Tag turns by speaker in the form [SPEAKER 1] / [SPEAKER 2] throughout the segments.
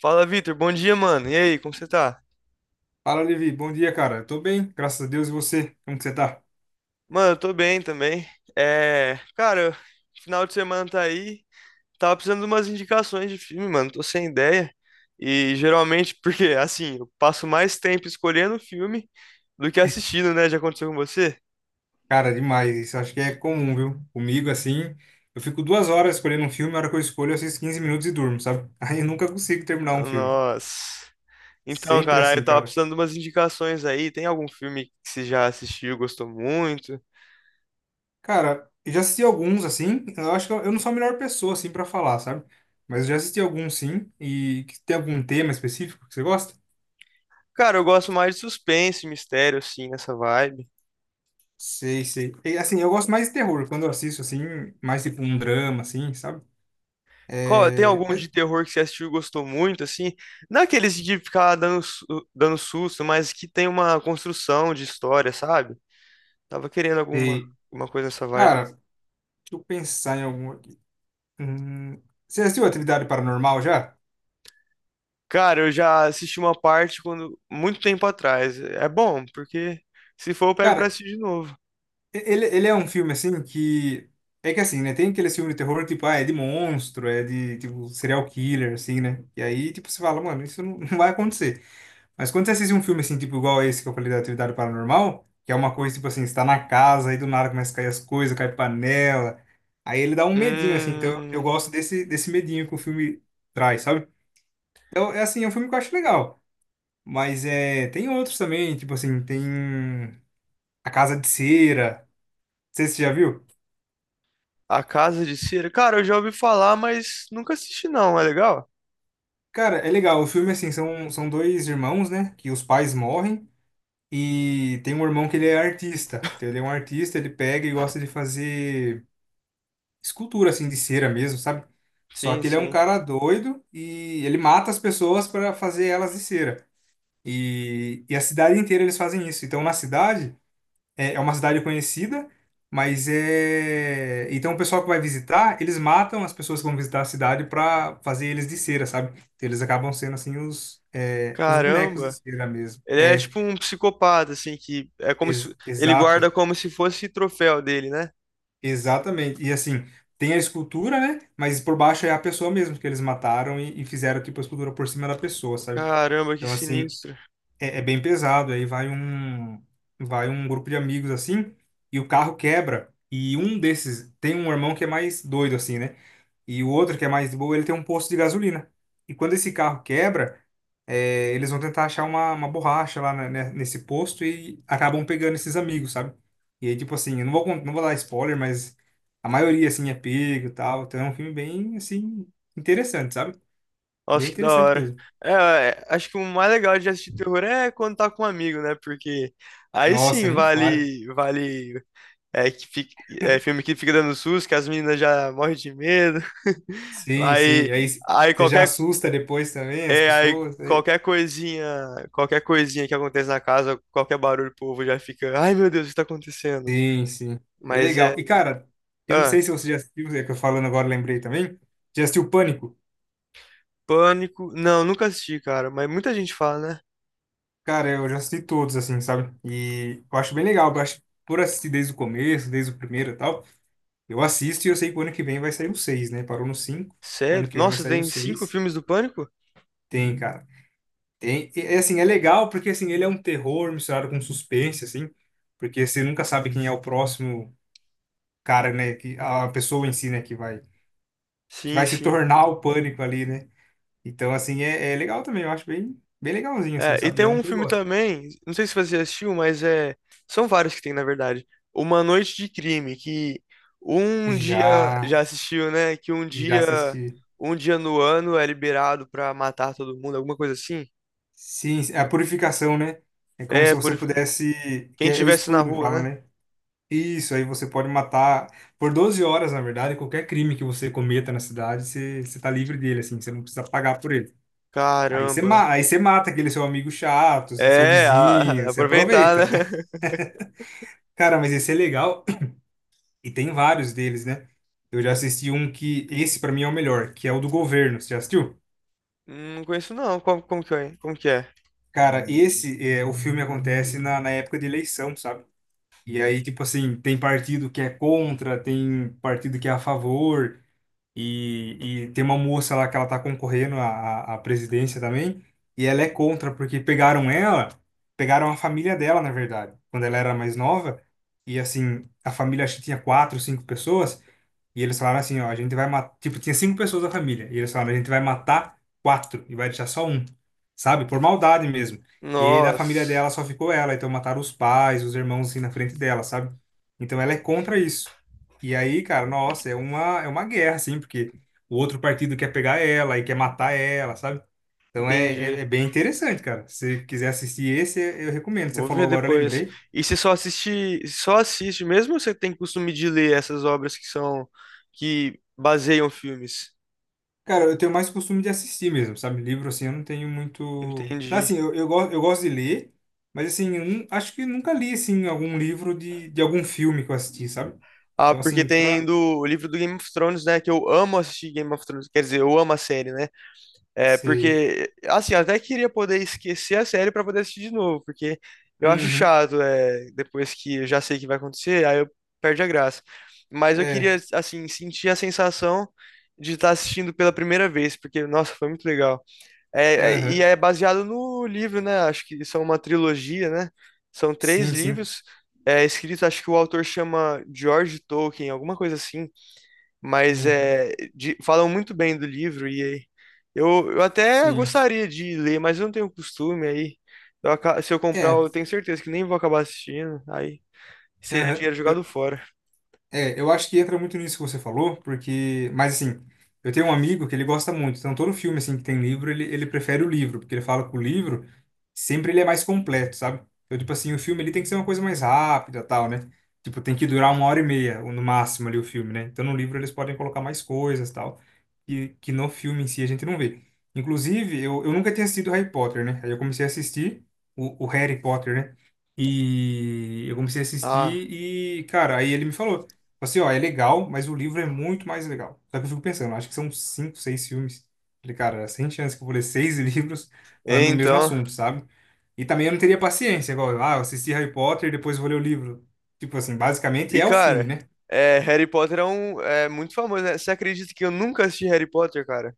[SPEAKER 1] Fala, Vitor. Bom dia, mano. E aí, como você tá?
[SPEAKER 2] Fala, Levi. Bom dia, cara. Eu tô bem, graças a Deus. E você? Como que você tá?
[SPEAKER 1] Mano, eu tô bem também. É, cara, final de semana tá aí. Tava precisando de umas indicações de filme, mano. Tô sem ideia. E geralmente, porque assim, eu passo mais tempo escolhendo filme do que assistindo, né? Já aconteceu com você?
[SPEAKER 2] Cara, demais. Isso acho que é comum, viu? Comigo, assim, eu fico 2 horas escolhendo um filme, a hora que eu escolho, eu assisto 15 minutos e durmo, sabe? Aí eu nunca consigo terminar um filme.
[SPEAKER 1] Nossa. Então,
[SPEAKER 2] Sempre
[SPEAKER 1] cara, eu
[SPEAKER 2] assim,
[SPEAKER 1] tava
[SPEAKER 2] cara.
[SPEAKER 1] precisando de umas indicações aí. Tem algum filme que você já assistiu, gostou muito?
[SPEAKER 2] Cara, eu já assisti alguns, assim, eu acho que eu não sou a melhor pessoa, assim, pra falar, sabe? Mas eu já assisti alguns, sim, e que tem algum tema específico que você gosta?
[SPEAKER 1] Cara, eu gosto mais de suspense, mistério, assim, nessa vibe.
[SPEAKER 2] Sei, sei. E, assim, eu gosto mais de terror, quando eu assisto, assim, mais tipo um drama, assim, sabe?
[SPEAKER 1] Tem
[SPEAKER 2] É.
[SPEAKER 1] algum
[SPEAKER 2] Mas,
[SPEAKER 1] de terror que você assistiu e gostou muito, assim? Não aqueles de ficar dando, dando susto, mas que tem uma construção de história, sabe? Tava querendo
[SPEAKER 2] e,
[SPEAKER 1] alguma coisa nessa vibe.
[SPEAKER 2] cara. Deixa eu pensar em algum aqui. Hum, Você assistiu Atividade Paranormal já?
[SPEAKER 1] Cara, eu já assisti uma parte quando, muito tempo atrás. É bom, porque se for eu pego pra
[SPEAKER 2] Cara,
[SPEAKER 1] assistir de novo.
[SPEAKER 2] ele é um filme assim que. É que assim, né? Tem aqueles filmes de terror, tipo, ah, é de monstro, é de, tipo, serial killer, assim, né? E aí, tipo, você fala, mano, isso não, não vai acontecer. Mas quando você assiste um filme, assim, tipo, igual esse que eu falei da Atividade Paranormal, que é uma coisa, tipo assim, você tá na casa, aí do nada começa a cair as coisas, cai panela. Aí ele dá um medinho, assim. Então eu
[SPEAKER 1] Hum,
[SPEAKER 2] gosto desse medinho que o filme traz, sabe? Então, é assim, é um filme que eu acho legal. Mas é, tem outros também, tipo assim, tem A Casa de Cera. Não sei se você já viu.
[SPEAKER 1] A Casa de Cera. Cara, eu já ouvi falar, mas nunca assisti não. É legal?
[SPEAKER 2] Cara, é legal. O filme, assim, são dois irmãos, né? Que os pais morrem. E tem um irmão que ele é artista. Então, ele é um artista, ele pega e gosta de fazer escultura, assim, de cera mesmo, sabe? Só
[SPEAKER 1] Sim,
[SPEAKER 2] que ele é um
[SPEAKER 1] sim.
[SPEAKER 2] cara doido e ele mata as pessoas para fazer elas de cera. E a cidade inteira eles fazem isso. Então, na cidade. É uma cidade conhecida, mas é. Então o pessoal que vai visitar, eles matam as pessoas que vão visitar a cidade para fazer eles de cera, sabe? Então, eles acabam sendo assim os, é, os bonecos de
[SPEAKER 1] Caramba.
[SPEAKER 2] cera mesmo.
[SPEAKER 1] Ele é
[SPEAKER 2] É,
[SPEAKER 1] tipo um psicopata, assim, que é como se
[SPEAKER 2] ex-
[SPEAKER 1] ele guarda
[SPEAKER 2] exato,
[SPEAKER 1] como se fosse troféu dele, né?
[SPEAKER 2] exatamente. E assim, tem a escultura, né? Mas por baixo é a pessoa mesmo que eles mataram e fizeram tipo a escultura por cima da pessoa, sabe?
[SPEAKER 1] Caramba, que
[SPEAKER 2] Então assim,
[SPEAKER 1] sinistro.
[SPEAKER 2] é bem pesado. Aí vai um grupo de amigos assim, e o carro quebra. E um desses tem um irmão que é mais doido assim, né? E o outro que é mais de boa, ele tem um posto de gasolina. E quando esse carro quebra, eles vão tentar achar uma borracha lá né, nesse posto e acabam pegando esses amigos, sabe? E aí, tipo assim, eu não vou, não vou dar spoiler, mas a maioria, assim, é pego e tal. Então é um filme bem, assim, interessante, sabe? Bem
[SPEAKER 1] Nossa, que da
[SPEAKER 2] interessante
[SPEAKER 1] hora.
[SPEAKER 2] mesmo.
[SPEAKER 1] É, é, acho que o mais legal de assistir terror é quando tá com um amigo, né? Porque aí
[SPEAKER 2] Nossa,
[SPEAKER 1] sim
[SPEAKER 2] nem fale.
[SPEAKER 1] vale, é, é filme que fica dando susto, que as meninas já morrem de medo.
[SPEAKER 2] Sim, sim.
[SPEAKER 1] Aí,
[SPEAKER 2] E aí
[SPEAKER 1] aí
[SPEAKER 2] você já
[SPEAKER 1] qualquer,
[SPEAKER 2] assusta depois também as
[SPEAKER 1] é, aí
[SPEAKER 2] pessoas, né?
[SPEAKER 1] qualquer coisinha que acontece na casa, qualquer barulho, o povo já fica, ai meu Deus, o que tá acontecendo?
[SPEAKER 2] Sim, sim. É
[SPEAKER 1] Mas é.
[SPEAKER 2] legal. E, cara, eu não
[SPEAKER 1] Ah,
[SPEAKER 2] sei se você já assistiu, é que eu falando agora lembrei também. Já assistiu Pânico?
[SPEAKER 1] Pânico. Não, nunca assisti, cara, mas muita gente fala, né?
[SPEAKER 2] Cara, eu já assisti todos, assim, sabe? E eu acho bem legal. Eu acho, por assistir desde o começo, desde o primeiro e tal, eu assisto e eu sei que o ano que vem vai sair o seis, né? Parou no cinco. O ano
[SPEAKER 1] Sério?
[SPEAKER 2] que vem vai
[SPEAKER 1] Nossa,
[SPEAKER 2] sair o
[SPEAKER 1] tem cinco
[SPEAKER 2] seis.
[SPEAKER 1] filmes do Pânico?
[SPEAKER 2] Tem, cara. Tem. E, é, assim, é legal porque, assim, ele é um terror misturado com suspense, assim, porque você nunca sabe quem é o próximo cara, né, que a pessoa em si, né, que vai que
[SPEAKER 1] Sim,
[SPEAKER 2] vai se
[SPEAKER 1] sim.
[SPEAKER 2] tornar o pânico ali, né? Então, assim, é legal também, eu acho bem bem legalzinho assim,
[SPEAKER 1] É, e
[SPEAKER 2] sabe?
[SPEAKER 1] tem
[SPEAKER 2] É um
[SPEAKER 1] um
[SPEAKER 2] que eu
[SPEAKER 1] filme
[SPEAKER 2] gosto.
[SPEAKER 1] também, não sei se você assistiu, mas é. São vários que tem, na verdade. Uma Noite de Crime, que um dia.
[SPEAKER 2] Já
[SPEAKER 1] Já assistiu, né? Que um
[SPEAKER 2] já
[SPEAKER 1] dia.
[SPEAKER 2] assisti.
[SPEAKER 1] Um dia no ano é liberado pra matar todo mundo, alguma coisa assim.
[SPEAKER 2] Sim, é a purificação, né? É como
[SPEAKER 1] É,
[SPEAKER 2] se você
[SPEAKER 1] purificar.
[SPEAKER 2] pudesse, que
[SPEAKER 1] Quem
[SPEAKER 2] é o
[SPEAKER 1] tivesse na
[SPEAKER 2] expurgo que
[SPEAKER 1] rua,
[SPEAKER 2] fala,
[SPEAKER 1] né?
[SPEAKER 2] né? Isso, aí você pode matar por 12 horas, na verdade, qualquer crime que você cometa na cidade, você tá livre dele, assim, você não precisa pagar por ele. Aí você,
[SPEAKER 1] Caramba.
[SPEAKER 2] ma- aí você mata aquele seu amigo chato, seu
[SPEAKER 1] É,
[SPEAKER 2] vizinho, você
[SPEAKER 1] aproveitar,
[SPEAKER 2] aproveita.
[SPEAKER 1] né?
[SPEAKER 2] Cara, mas esse é legal. E tem vários deles, né? Eu já assisti um que, esse pra mim é o melhor, que é o do governo. Você já assistiu?
[SPEAKER 1] Não conheço não. Como, como que é? Como que é?
[SPEAKER 2] Cara, esse, é, o filme acontece na época de eleição, sabe? E aí, tipo assim, tem partido que é contra, tem partido que é a favor, e tem uma moça lá que ela tá concorrendo à, à presidência também, e ela é contra, porque pegaram ela, pegaram a família dela, na verdade, quando ela era mais nova, e assim, a família acho que tinha quatro, cinco pessoas. E eles falaram assim, ó, a gente vai matar. Tipo, tinha cinco pessoas da família. E eles falaram, a gente vai matar quatro e vai deixar só um. Sabe? Por maldade mesmo. E da família
[SPEAKER 1] Nossa,
[SPEAKER 2] dela só ficou ela. Então mataram os pais, os irmãos assim na frente dela, sabe? Então ela é contra isso. E aí, cara, nossa, é uma, guerra, assim, porque o outro partido quer pegar ela e quer matar ela, sabe? Então é,
[SPEAKER 1] entendi.
[SPEAKER 2] é, é bem interessante, cara. Se você quiser assistir esse, eu recomendo. Você
[SPEAKER 1] Vou ver
[SPEAKER 2] falou agora, eu
[SPEAKER 1] depois.
[SPEAKER 2] lembrei.
[SPEAKER 1] E você só assiste mesmo ou você tem costume de ler essas obras que são, que baseiam filmes?
[SPEAKER 2] Cara, eu tenho mais costume de assistir mesmo, sabe? Livro, assim, eu não tenho muito. Tá. Assim,
[SPEAKER 1] Entendi.
[SPEAKER 2] eu gosto de ler, mas, assim, eu acho que nunca li, assim, algum livro de algum filme que eu assisti, sabe?
[SPEAKER 1] Ah,
[SPEAKER 2] Então,
[SPEAKER 1] porque
[SPEAKER 2] assim,
[SPEAKER 1] tem
[SPEAKER 2] pra.
[SPEAKER 1] do, o livro do Game of Thrones, né? Que eu amo assistir Game of Thrones. Quer dizer, eu amo a série, né? É,
[SPEAKER 2] Sei.
[SPEAKER 1] porque, assim, eu até queria poder esquecer a série pra poder assistir de novo, porque eu acho
[SPEAKER 2] Uhum.
[SPEAKER 1] chato, é, depois que eu já sei o que vai acontecer, aí eu perde a graça. Mas eu queria,
[SPEAKER 2] É.
[SPEAKER 1] assim, sentir a sensação de estar assistindo pela primeira vez, porque, nossa, foi muito legal. É, é, e
[SPEAKER 2] Aham.
[SPEAKER 1] é baseado no livro, né? Acho que são uma trilogia, né? São três
[SPEAKER 2] Sim, sim.
[SPEAKER 1] livros, é, escritos, acho que o autor chama George Tolkien, alguma coisa assim. Mas
[SPEAKER 2] Aham.
[SPEAKER 1] é, falam muito bem do livro e eu até
[SPEAKER 2] Sim.
[SPEAKER 1] gostaria de ler, mas eu não tenho costume aí. Se eu comprar,
[SPEAKER 2] É.
[SPEAKER 1] eu tenho certeza que nem vou acabar assistindo. Aí seria
[SPEAKER 2] Aham.
[SPEAKER 1] dinheiro jogado fora.
[SPEAKER 2] É, eu acho que entra muito nisso que você falou, porque. Mas, assim, eu tenho um amigo que ele gosta muito, então todo filme, assim, que tem livro, ele prefere o livro, porque ele fala que o livro sempre ele é mais completo, sabe? Então, tipo assim, o filme ele tem que ser uma coisa mais rápida, tal, né? Tipo, tem que durar uma hora e meia, ou no máximo, ali, o filme, né? Então, no livro eles podem colocar mais coisas, tal, que no filme em si a gente não vê. Inclusive, eu nunca tinha assistido Harry Potter, né? Aí eu comecei a assistir o Harry Potter, né? E eu comecei a
[SPEAKER 1] Ah,
[SPEAKER 2] assistir e, cara, aí ele me falou tipo assim, ó, é legal, mas o livro é muito mais legal. Só que eu fico pensando, acho que são cinco, seis filmes. Falei, cara, sem chance que eu vou ler seis livros
[SPEAKER 1] é,
[SPEAKER 2] falando do mesmo
[SPEAKER 1] então.
[SPEAKER 2] assunto, sabe? E também eu não teria paciência, igual, ah, eu assisti Harry Potter e depois vou ler o livro. Tipo assim, basicamente
[SPEAKER 1] E
[SPEAKER 2] é o filme,
[SPEAKER 1] cara,
[SPEAKER 2] né?
[SPEAKER 1] é, Harry Potter é é muito famoso, né? Você acredita que eu nunca assisti Harry Potter, cara?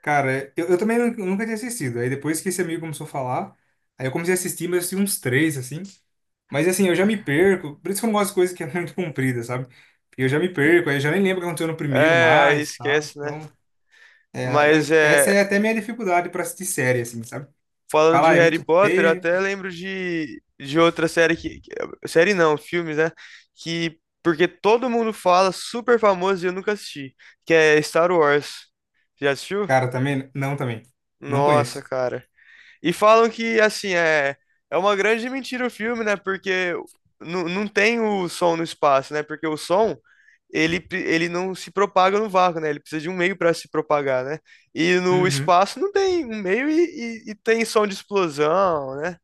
[SPEAKER 2] Cara, eu também nunca tinha assistido. Aí depois que esse amigo começou a falar, aí eu comecei a assistir, mas eu assisti uns três, assim. Mas assim, eu já me perco. Por isso que eu não gosto de coisa que é muito comprida, sabe? Porque eu já me perco, aí eu já nem lembro o que aconteceu no primeiro
[SPEAKER 1] É, aí
[SPEAKER 2] mais, tá?
[SPEAKER 1] esquece, né?
[SPEAKER 2] Então.
[SPEAKER 1] Mas
[SPEAKER 2] Essa
[SPEAKER 1] é,
[SPEAKER 2] é até minha dificuldade pra assistir série, assim, sabe?
[SPEAKER 1] falando
[SPEAKER 2] Falar,
[SPEAKER 1] de
[SPEAKER 2] ah, é
[SPEAKER 1] Harry
[SPEAKER 2] muito
[SPEAKER 1] Potter, eu
[SPEAKER 2] T.
[SPEAKER 1] até lembro de outra Série não, filmes, né? Que. Porque todo mundo fala, super famoso e eu nunca assisti. Que é Star Wars. Já assistiu?
[SPEAKER 2] Cara, também? Não, também. Não
[SPEAKER 1] Nossa,
[SPEAKER 2] conheço.
[SPEAKER 1] cara. E falam que, assim, é, é uma grande mentira o filme, né? Porque não tem o som no espaço, né? Porque o som, ele, ele não se propaga no vácuo, né? Ele precisa de um meio para se propagar, né? E no
[SPEAKER 2] Uhum.
[SPEAKER 1] espaço não tem um meio e tem som de explosão, né?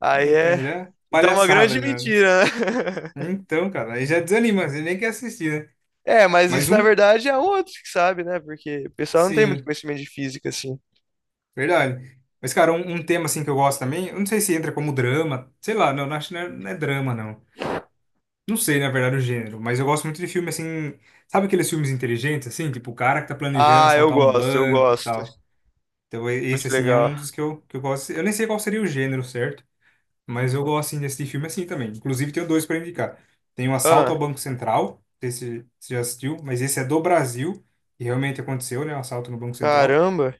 [SPEAKER 1] Aí
[SPEAKER 2] Então,
[SPEAKER 1] é.
[SPEAKER 2] já.
[SPEAKER 1] Então é uma
[SPEAKER 2] Palhaçada,
[SPEAKER 1] grande
[SPEAKER 2] já, né?
[SPEAKER 1] mentira, né?
[SPEAKER 2] Então, cara, aí já desanima, você nem quer assistir, né?
[SPEAKER 1] É, mas
[SPEAKER 2] Mas
[SPEAKER 1] isso na
[SPEAKER 2] um.
[SPEAKER 1] verdade é um outro que sabe, né? Porque o pessoal não tem muito
[SPEAKER 2] Sim,
[SPEAKER 1] conhecimento de física, assim.
[SPEAKER 2] verdade. Mas, cara, um tema, assim, que eu gosto também. Eu não sei se entra como drama. Sei lá, não, não acho que não é drama, não. Não sei, na verdade, o gênero. Mas eu gosto muito de filme, assim. Sabe aqueles filmes inteligentes, assim? Tipo, o cara que tá planejando
[SPEAKER 1] Ah, eu
[SPEAKER 2] assaltar um
[SPEAKER 1] gosto, eu
[SPEAKER 2] banco e
[SPEAKER 1] gosto.
[SPEAKER 2] tal. Então, esse,
[SPEAKER 1] Muito
[SPEAKER 2] assim, é um
[SPEAKER 1] legal.
[SPEAKER 2] dos que eu gosto. Eu nem sei qual seria o gênero, certo? Mas eu gosto, assim, de assistir filme assim também. Inclusive, tenho dois para indicar. Tem o Assalto ao
[SPEAKER 1] Ah,
[SPEAKER 2] Banco Central, não sei se você já assistiu, mas esse é do Brasil, e realmente aconteceu, né? O assalto no Banco Central.
[SPEAKER 1] caramba,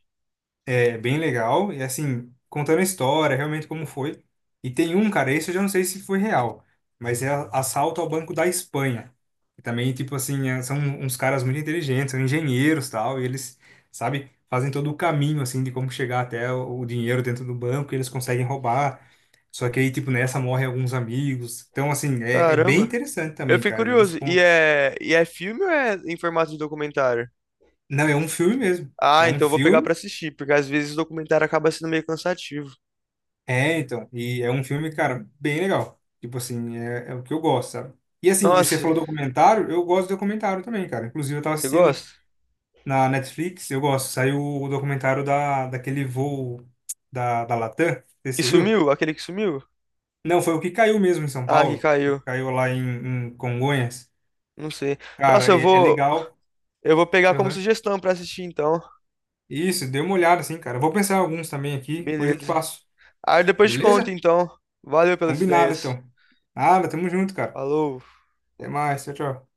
[SPEAKER 2] É bem legal. E assim, contando a história, realmente como foi. E tem um, cara, esse eu já não sei se foi real, mas é assalto ao Banco da Espanha. E também, tipo assim, são uns caras muito inteligentes, são engenheiros tal, e eles, sabe, fazem todo o caminho, assim, de como chegar até o dinheiro dentro do banco, e eles conseguem roubar. Só que aí, tipo, nessa morrem alguns amigos. Então, assim, é bem
[SPEAKER 1] caramba.
[SPEAKER 2] interessante
[SPEAKER 1] Eu
[SPEAKER 2] também,
[SPEAKER 1] fiquei
[SPEAKER 2] cara. Eles
[SPEAKER 1] curioso.
[SPEAKER 2] contam.
[SPEAKER 1] E é filme ou é em formato de documentário?
[SPEAKER 2] Não, é um filme mesmo. É
[SPEAKER 1] Ah,
[SPEAKER 2] um
[SPEAKER 1] então eu vou pegar pra
[SPEAKER 2] filme.
[SPEAKER 1] assistir, porque às vezes o documentário acaba sendo meio cansativo.
[SPEAKER 2] É, então, e é um filme, cara, bem legal. Tipo assim, é o que eu gosto, sabe? E assim, e você
[SPEAKER 1] Nossa,
[SPEAKER 2] falou documentário, eu gosto de documentário também, cara. Inclusive, eu tava
[SPEAKER 1] você
[SPEAKER 2] assistindo
[SPEAKER 1] gosta?
[SPEAKER 2] na Netflix, eu gosto. Saiu o documentário daquele voo da, da, Latam, não sei se
[SPEAKER 1] Que
[SPEAKER 2] você viu?
[SPEAKER 1] sumiu? Aquele que sumiu?
[SPEAKER 2] Não, foi o que caiu mesmo em São
[SPEAKER 1] Ah, que
[SPEAKER 2] Paulo, que
[SPEAKER 1] caiu.
[SPEAKER 2] caiu lá em Congonhas.
[SPEAKER 1] Não sei. Nossa,
[SPEAKER 2] Cara, é legal.
[SPEAKER 1] eu vou pegar como
[SPEAKER 2] Aham.
[SPEAKER 1] sugestão pra assistir então.
[SPEAKER 2] Isso, dê uma olhada assim, cara. Eu vou pensar em alguns também aqui, depois eu te
[SPEAKER 1] Beleza.
[SPEAKER 2] passo.
[SPEAKER 1] Aí depois te conto,
[SPEAKER 2] Beleza?
[SPEAKER 1] então. Valeu pelas
[SPEAKER 2] Combinado,
[SPEAKER 1] ideias.
[SPEAKER 2] então. Nada, tamo junto, cara.
[SPEAKER 1] Falou.
[SPEAKER 2] Até mais, tchau, tchau.